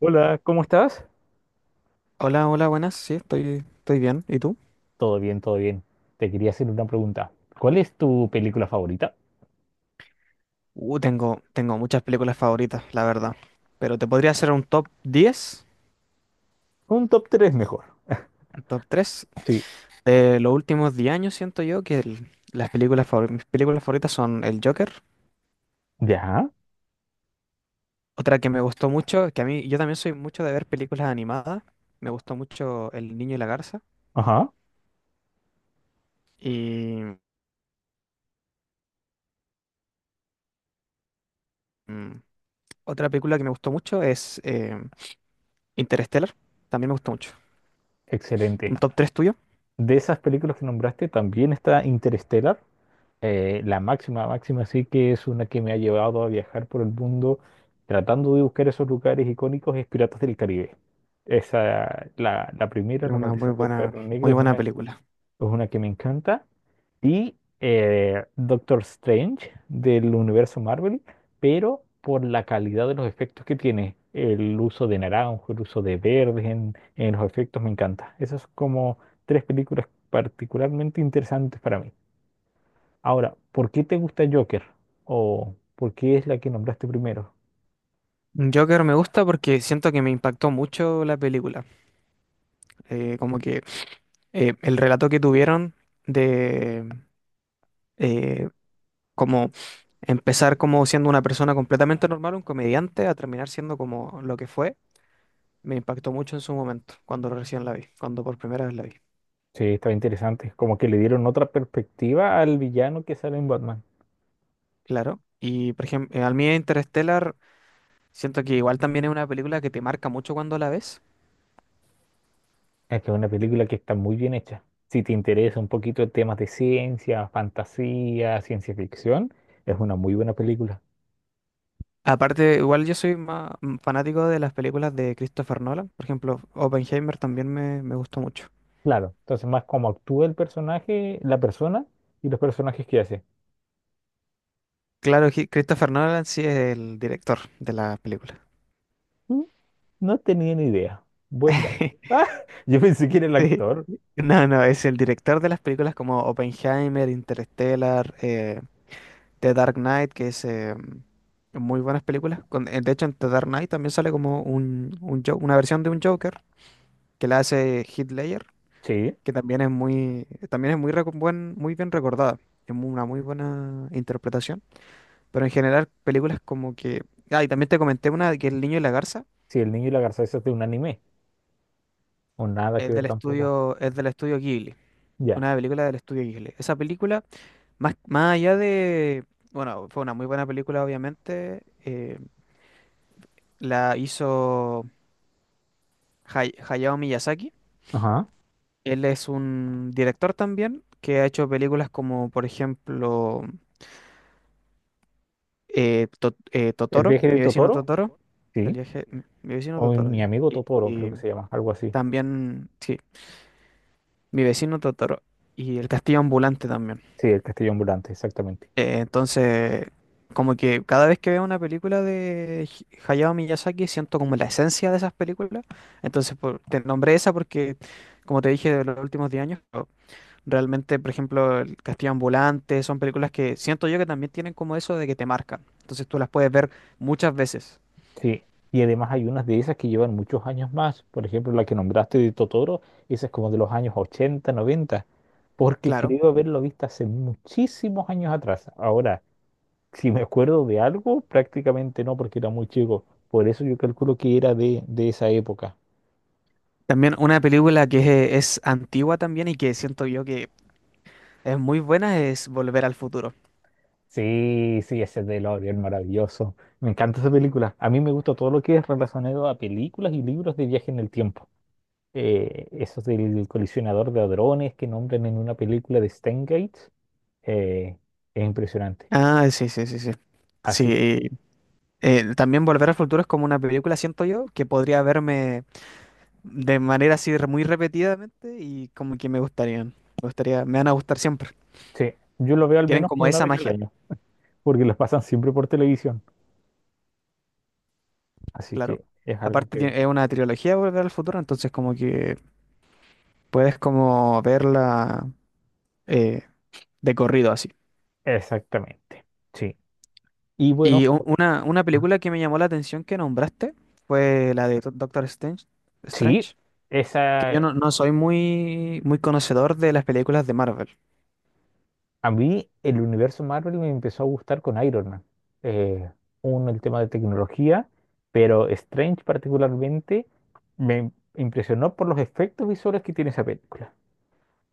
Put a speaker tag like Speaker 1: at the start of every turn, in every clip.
Speaker 1: Hola, ¿cómo estás?
Speaker 2: Hola, hola, buenas. Sí, estoy bien. ¿Y tú?
Speaker 1: Todo bien, todo bien. Te quería hacer una pregunta. ¿Cuál es tu película favorita?
Speaker 2: Tengo muchas películas favoritas, la verdad. Pero te podría hacer un top 10,
Speaker 1: Un top 3 mejor.
Speaker 2: un top 3
Speaker 1: Sí.
Speaker 2: de los últimos 10 años, siento yo, que las mis películas favoritas son El Joker.
Speaker 1: Ya,
Speaker 2: Otra que me gustó mucho, que a mí yo también soy mucho de ver películas animadas. Me gustó mucho El Niño y la Garza.
Speaker 1: ajá,
Speaker 2: Y mm, otra película que me gustó mucho es Interstellar. También me gustó mucho. Un
Speaker 1: excelente.
Speaker 2: top 3 tuyo.
Speaker 1: De esas películas que nombraste también está Interstellar, la máxima, máxima, sí, que es una que me ha llevado a viajar por el mundo tratando de buscar esos lugares icónicos, es Piratas del Caribe. Esa, la primera,
Speaker 2: Es
Speaker 1: La
Speaker 2: una
Speaker 1: Maldición del Perro Negro,
Speaker 2: muy buena
Speaker 1: es
Speaker 2: película.
Speaker 1: una que me encanta. Y Doctor Strange del universo Marvel, pero por la calidad de los efectos que tiene. El uso de naranjo, el uso de verdes en los efectos me encanta. Esas son como tres películas particularmente interesantes para mí. Ahora, ¿por qué te gusta Joker? ¿O por qué es la que nombraste primero?
Speaker 2: Joker me gusta porque siento que me impactó mucho la película. Como que el relato que tuvieron de eh, como empezar como siendo una persona completamente normal, un comediante, a terminar siendo como lo que fue, me impactó mucho en su momento, cuando recién la vi, cuando por primera vez la vi.
Speaker 1: Sí, estaba interesante. Como que le dieron otra perspectiva al villano que sale en Batman.
Speaker 2: Claro. Y por ejemplo, al mí Interstellar, siento que igual también es una película que te marca mucho cuando la ves.
Speaker 1: Es que es una película que está muy bien hecha. Si te interesa un poquito de temas de ciencia, fantasía, ciencia ficción, es una muy buena película.
Speaker 2: Aparte, igual yo soy más fanático de las películas de Christopher Nolan. Por ejemplo, Oppenheimer también me gustó mucho.
Speaker 1: Claro, entonces más como actúa el personaje, la persona y los personajes que hace.
Speaker 2: Claro, Christopher Nolan sí es el director de las películas.
Speaker 1: Mm. No tenía ni idea. Buen dato. Ah, yo pensé que era el
Speaker 2: Sí.
Speaker 1: actor.
Speaker 2: No, no, es el director de las películas como Oppenheimer, Interstellar, The Dark Knight, que es muy buenas películas. De hecho, en The Dark Knight también sale como una versión de un Joker que la hace Heath Ledger.
Speaker 1: Sí,
Speaker 2: Que también es muy, también es muy bien recordada. Es una muy buena interpretación. Pero en general, películas como que. Ah, y también te comenté una de que El Niño y la Garza
Speaker 1: sí, el niño y la garza, eso es de un anime. O nada que ver tampoco.
Speaker 2: es del estudio Ghibli.
Speaker 1: Ya.
Speaker 2: Una película del estudio Ghibli. Esa película, más, más allá de. Bueno, fue una muy buena película, obviamente. Eh, la hizo Hayao Miyazaki.
Speaker 1: Ajá.
Speaker 2: Él es un director también que ha hecho películas como, por ejemplo. Eh,
Speaker 1: ¿El
Speaker 2: Totoro,
Speaker 1: viaje de
Speaker 2: mi vecino
Speaker 1: Totoro?
Speaker 2: Totoro, el
Speaker 1: Sí.
Speaker 2: viaje, mi vecino
Speaker 1: O
Speaker 2: Totoro,
Speaker 1: mi amigo
Speaker 2: sí.
Speaker 1: Totoro, creo que
Speaker 2: Y
Speaker 1: se llama, algo así.
Speaker 2: también, sí, mi vecino Totoro y el castillo ambulante también.
Speaker 1: Sí, el castillo ambulante, exactamente.
Speaker 2: Entonces, como que cada vez que veo una película de Hayao Miyazaki siento como la esencia de esas películas. Entonces, te nombré esa porque, como te dije, de los últimos 10 años, pero realmente, por ejemplo, el castillo ambulante son películas que siento yo que también tienen como eso de que te marcan. Entonces tú las puedes ver muchas veces.
Speaker 1: Sí, y además hay unas de esas que llevan muchos años más. Por ejemplo, la que nombraste de Totoro, esa es como de los años 80, 90, porque
Speaker 2: Claro.
Speaker 1: creo haberlo visto hace muchísimos años atrás. Ahora, si me acuerdo de algo, prácticamente no, porque era muy chico. Por eso yo calculo que era de esa época.
Speaker 2: También una película que es antigua también y que siento yo que es muy buena es Volver al Futuro.
Speaker 1: Sí, sí, ese es de L'Oreal maravilloso. Me encanta esa película. A mí me gusta todo lo que es relacionado a películas y libros de viaje en el tiempo. Esos del colisionador de hadrones que nombran en una película de Steingate. eh, es impresionante.
Speaker 2: Ah, sí, sí, sí, sí. Sí,
Speaker 1: Así que
Speaker 2: también Volver al Futuro es como una película, siento yo, que podría verme de manera así muy repetidamente y como que me gustarían. Me gustaría, me van a gustar siempre.
Speaker 1: sí, yo lo veo al
Speaker 2: Tienen
Speaker 1: menos
Speaker 2: como
Speaker 1: una
Speaker 2: esa
Speaker 1: vez al
Speaker 2: magia,
Speaker 1: año, porque lo pasan siempre por televisión. Así
Speaker 2: claro.
Speaker 1: que es algo
Speaker 2: Aparte
Speaker 1: que...
Speaker 2: es una trilogía de Volver al Futuro, entonces como que puedes como verla eh, de corrido así.
Speaker 1: Exactamente, sí. Y bueno,
Speaker 2: Y una
Speaker 1: ah,
Speaker 2: película que me llamó la atención que nombraste fue la de Doctor Strange,
Speaker 1: sí,
Speaker 2: Strange, que yo
Speaker 1: esa...
Speaker 2: no, no soy muy, muy conocedor de las películas de Marvel.
Speaker 1: A mí el universo Marvel me empezó a gustar con Iron Man. Eh, Uno, el tema de tecnología, pero Strange particularmente me impresionó por los efectos visuales que tiene esa película.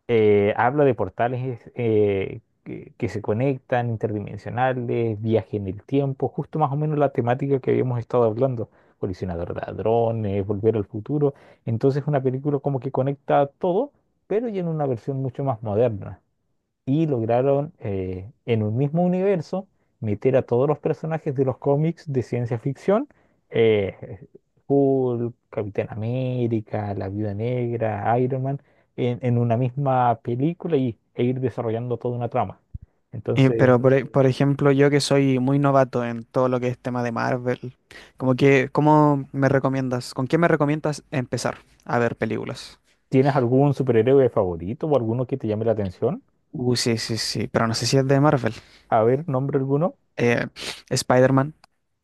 Speaker 1: Habla de portales que se conectan, interdimensionales, viaje en el tiempo, justo más o menos la temática que habíamos estado hablando, colisionador de ladrones, volver al futuro. Entonces una película como que conecta todo, pero ya en una versión mucho más moderna y lograron en un mismo universo meter a todos los personajes de los cómics de ciencia ficción, eh, Hulk, Capitán América, La Viuda Negra, Iron Man, en una misma película y, e ir desarrollando toda una trama. Entonces,
Speaker 2: Pero, por ejemplo, yo que soy muy novato en todo lo que es tema de Marvel, como que, ¿cómo me recomiendas? ¿Con qué me recomiendas empezar a ver películas?
Speaker 1: ¿tienes algún superhéroe favorito o alguno que te llame la atención?
Speaker 2: Sí, sí, sí, pero no sé si es de Marvel.
Speaker 1: A ver, nombre alguno.
Speaker 2: Eh, Spider-Man,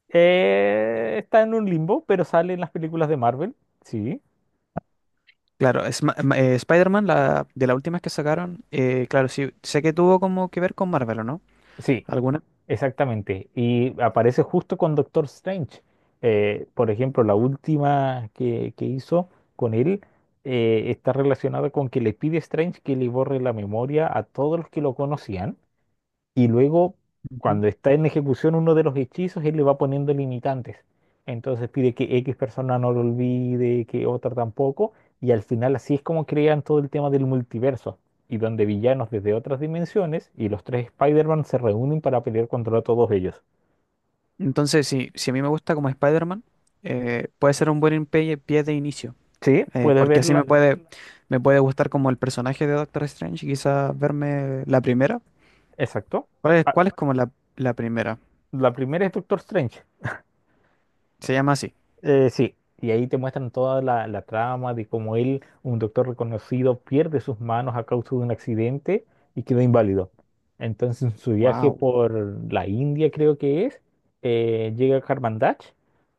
Speaker 1: Está en un limbo, pero sale en las películas de Marvel. Sí.
Speaker 2: claro, es, Spider-Man, la, de las últimas que sacaron, claro, sí, sé que tuvo como que ver con Marvel, ¿o no?
Speaker 1: Sí,
Speaker 2: ¿Alguna?
Speaker 1: exactamente, y aparece justo con Doctor Strange. Por ejemplo, que hizo con él, está relacionada con que le pide a Strange que le borre la memoria a todos los que lo conocían y luego,
Speaker 2: Ujú.
Speaker 1: cuando está en ejecución uno de los hechizos, él le va poniendo limitantes. Entonces pide que X persona no lo olvide, que otra tampoco. Y al final así es como crean todo el tema del multiverso. Y donde villanos desde otras dimensiones y los tres Spider-Man se reúnen para pelear contra todos ellos.
Speaker 2: Entonces, si, si a mí me gusta como Spider-Man, puede ser un buen pie, pie de inicio,
Speaker 1: Sí, puedes
Speaker 2: porque así
Speaker 1: verla.
Speaker 2: me puede gustar como el personaje de Doctor Strange y quizás verme la primera.
Speaker 1: Exacto.
Speaker 2: Cuál es como la primera?
Speaker 1: La primera es Doctor Strange.
Speaker 2: Se llama así.
Speaker 1: Sí, y ahí te muestran toda la trama de cómo él, un doctor reconocido, pierde sus manos a causa de un accidente y queda inválido. Entonces, en su viaje
Speaker 2: Wow.
Speaker 1: por la India, creo que es, llega a Karmandach,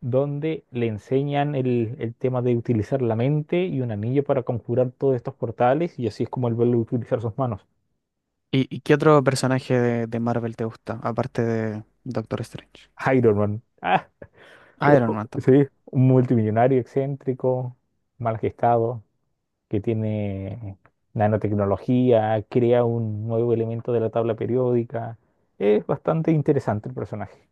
Speaker 1: donde le enseñan el tema de utilizar la mente y un anillo para conjurar todos estos portales, y así es como él vuelve a utilizar sus manos.
Speaker 2: Y qué otro personaje de Marvel te gusta, aparte de Doctor Strange?
Speaker 1: Iron Man. Ah,
Speaker 2: Iron Man
Speaker 1: sí,
Speaker 2: también.
Speaker 1: un multimillonario excéntrico, mal gestado, que tiene nanotecnología, crea un nuevo elemento de la tabla periódica. Es bastante interesante el personaje.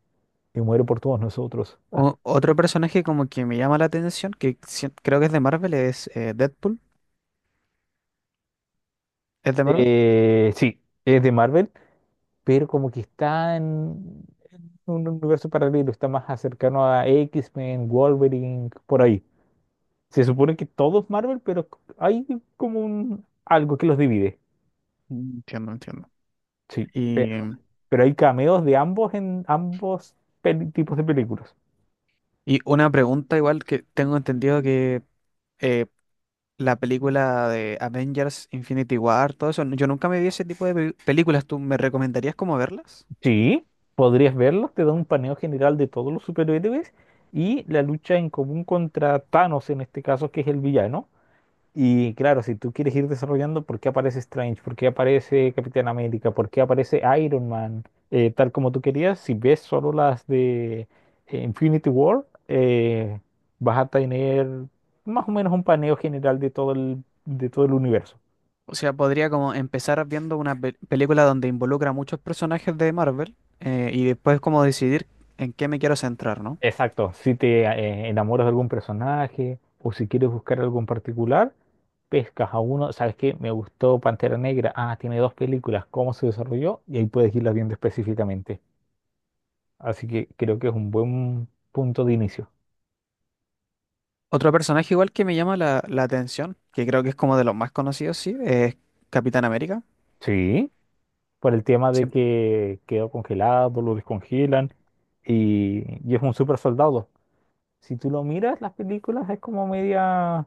Speaker 1: Y muere por todos nosotros.
Speaker 2: O- otro personaje como que me llama la atención, que creo que es de Marvel, es Deadpool. ¿Es de Marvel?
Speaker 1: Sí, es de Marvel, pero como que está en un universo paralelo, está más cercano a X-Men, Wolverine, por ahí. Se supone que todo es Marvel, pero hay como un algo que los divide.
Speaker 2: Mm, entiendo, entiendo.
Speaker 1: Sí,
Speaker 2: Y
Speaker 1: pero hay cameos de ambos en ambos tipos de películas.
Speaker 2: Y una pregunta igual que tengo entendido que eh, la película de Avengers, Infinity War, todo eso, yo nunca me vi ese tipo de películas. ¿Tú me recomendarías cómo verlas?
Speaker 1: Sí, podrías verlos, te da un paneo general de todos los superhéroes y la lucha en común contra Thanos en este caso, que es el villano. Y claro, si tú quieres ir desarrollando por qué aparece Strange, por qué aparece Capitán América, por qué aparece Iron Man, tal como tú querías, si ves solo las de Infinity War, vas a tener más o menos un paneo general de todo de todo el universo.
Speaker 2: O sea, podría como empezar viendo una película donde involucra a muchos personajes de Marvel y después como decidir en qué me quiero centrar, ¿no?
Speaker 1: Exacto, si te enamoras de algún personaje o si quieres buscar algo en particular, pescas a uno, ¿sabes qué? Me gustó Pantera Negra, ah, tiene dos películas, ¿cómo se desarrolló? Y ahí puedes irlas viendo específicamente. Así que creo que es un buen punto de inicio.
Speaker 2: Otro personaje igual que me llama la atención, que creo que es como de los más conocidos, sí, es Capitán América.
Speaker 1: Sí, por el tema de
Speaker 2: Siem-
Speaker 1: que quedó congelado, lo descongelan y, y es un super soldado. Si tú lo miras, las películas es como media,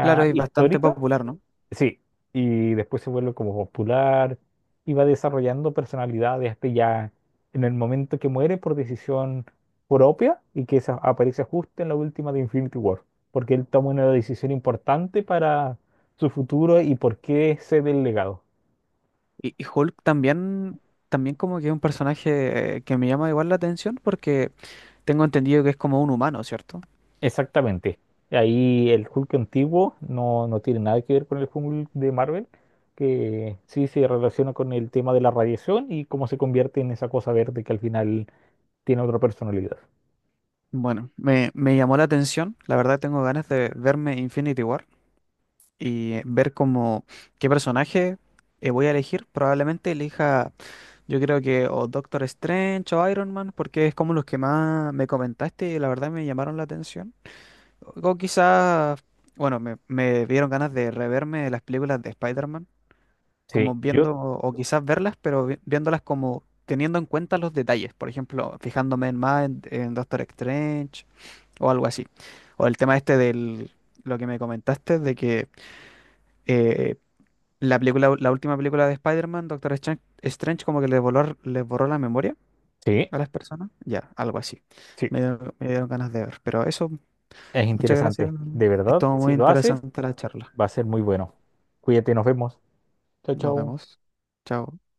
Speaker 2: Claro, es bastante
Speaker 1: histórica.
Speaker 2: popular, ¿no?
Speaker 1: Sí, y después se vuelve como popular y va desarrollando personalidad de este ya en el momento que muere por decisión propia, y que esa aparece justo en la última de Infinity War, porque él toma una decisión importante para su futuro y por qué cede el legado.
Speaker 2: Y Hulk también, también como que es un personaje que me llama igual la atención porque tengo entendido que es como un humano, ¿cierto?
Speaker 1: Exactamente. Ahí el Hulk antiguo no, no tiene nada que ver con el Hulk de Marvel, que sí se relaciona con el tema de la radiación y cómo se convierte en esa cosa verde que al final tiene otra personalidad.
Speaker 2: Bueno, me llamó la atención, la verdad tengo ganas de verme Infinity War y ver como qué personaje voy a elegir. Probablemente elija, yo creo que o Doctor Strange o Iron Man porque es como los que más me comentaste y la verdad me llamaron la atención. O quizás, bueno, me dieron ganas de reverme las películas de Spider-Man
Speaker 1: Sí,
Speaker 2: como
Speaker 1: yo,
Speaker 2: viendo, o quizás verlas, pero viéndolas como teniendo en cuenta los detalles, por ejemplo, fijándome en más en Doctor Strange o algo así. O el tema este del, lo que me comentaste, de que eh, la película, la última película de Spider-Man, Doctor Strange, Strange como que les borró la memoria
Speaker 1: sí,
Speaker 2: a las personas, ya, algo así.
Speaker 1: sí,
Speaker 2: Me dieron ganas de ver, pero eso,
Speaker 1: es
Speaker 2: muchas gracias.
Speaker 1: interesante. De verdad,
Speaker 2: Estuvo
Speaker 1: si
Speaker 2: muy
Speaker 1: lo haces,
Speaker 2: interesante la charla.
Speaker 1: va a ser muy bueno. Cuídate, nos vemos. Chao,
Speaker 2: Nos
Speaker 1: chao.
Speaker 2: vemos. Chao.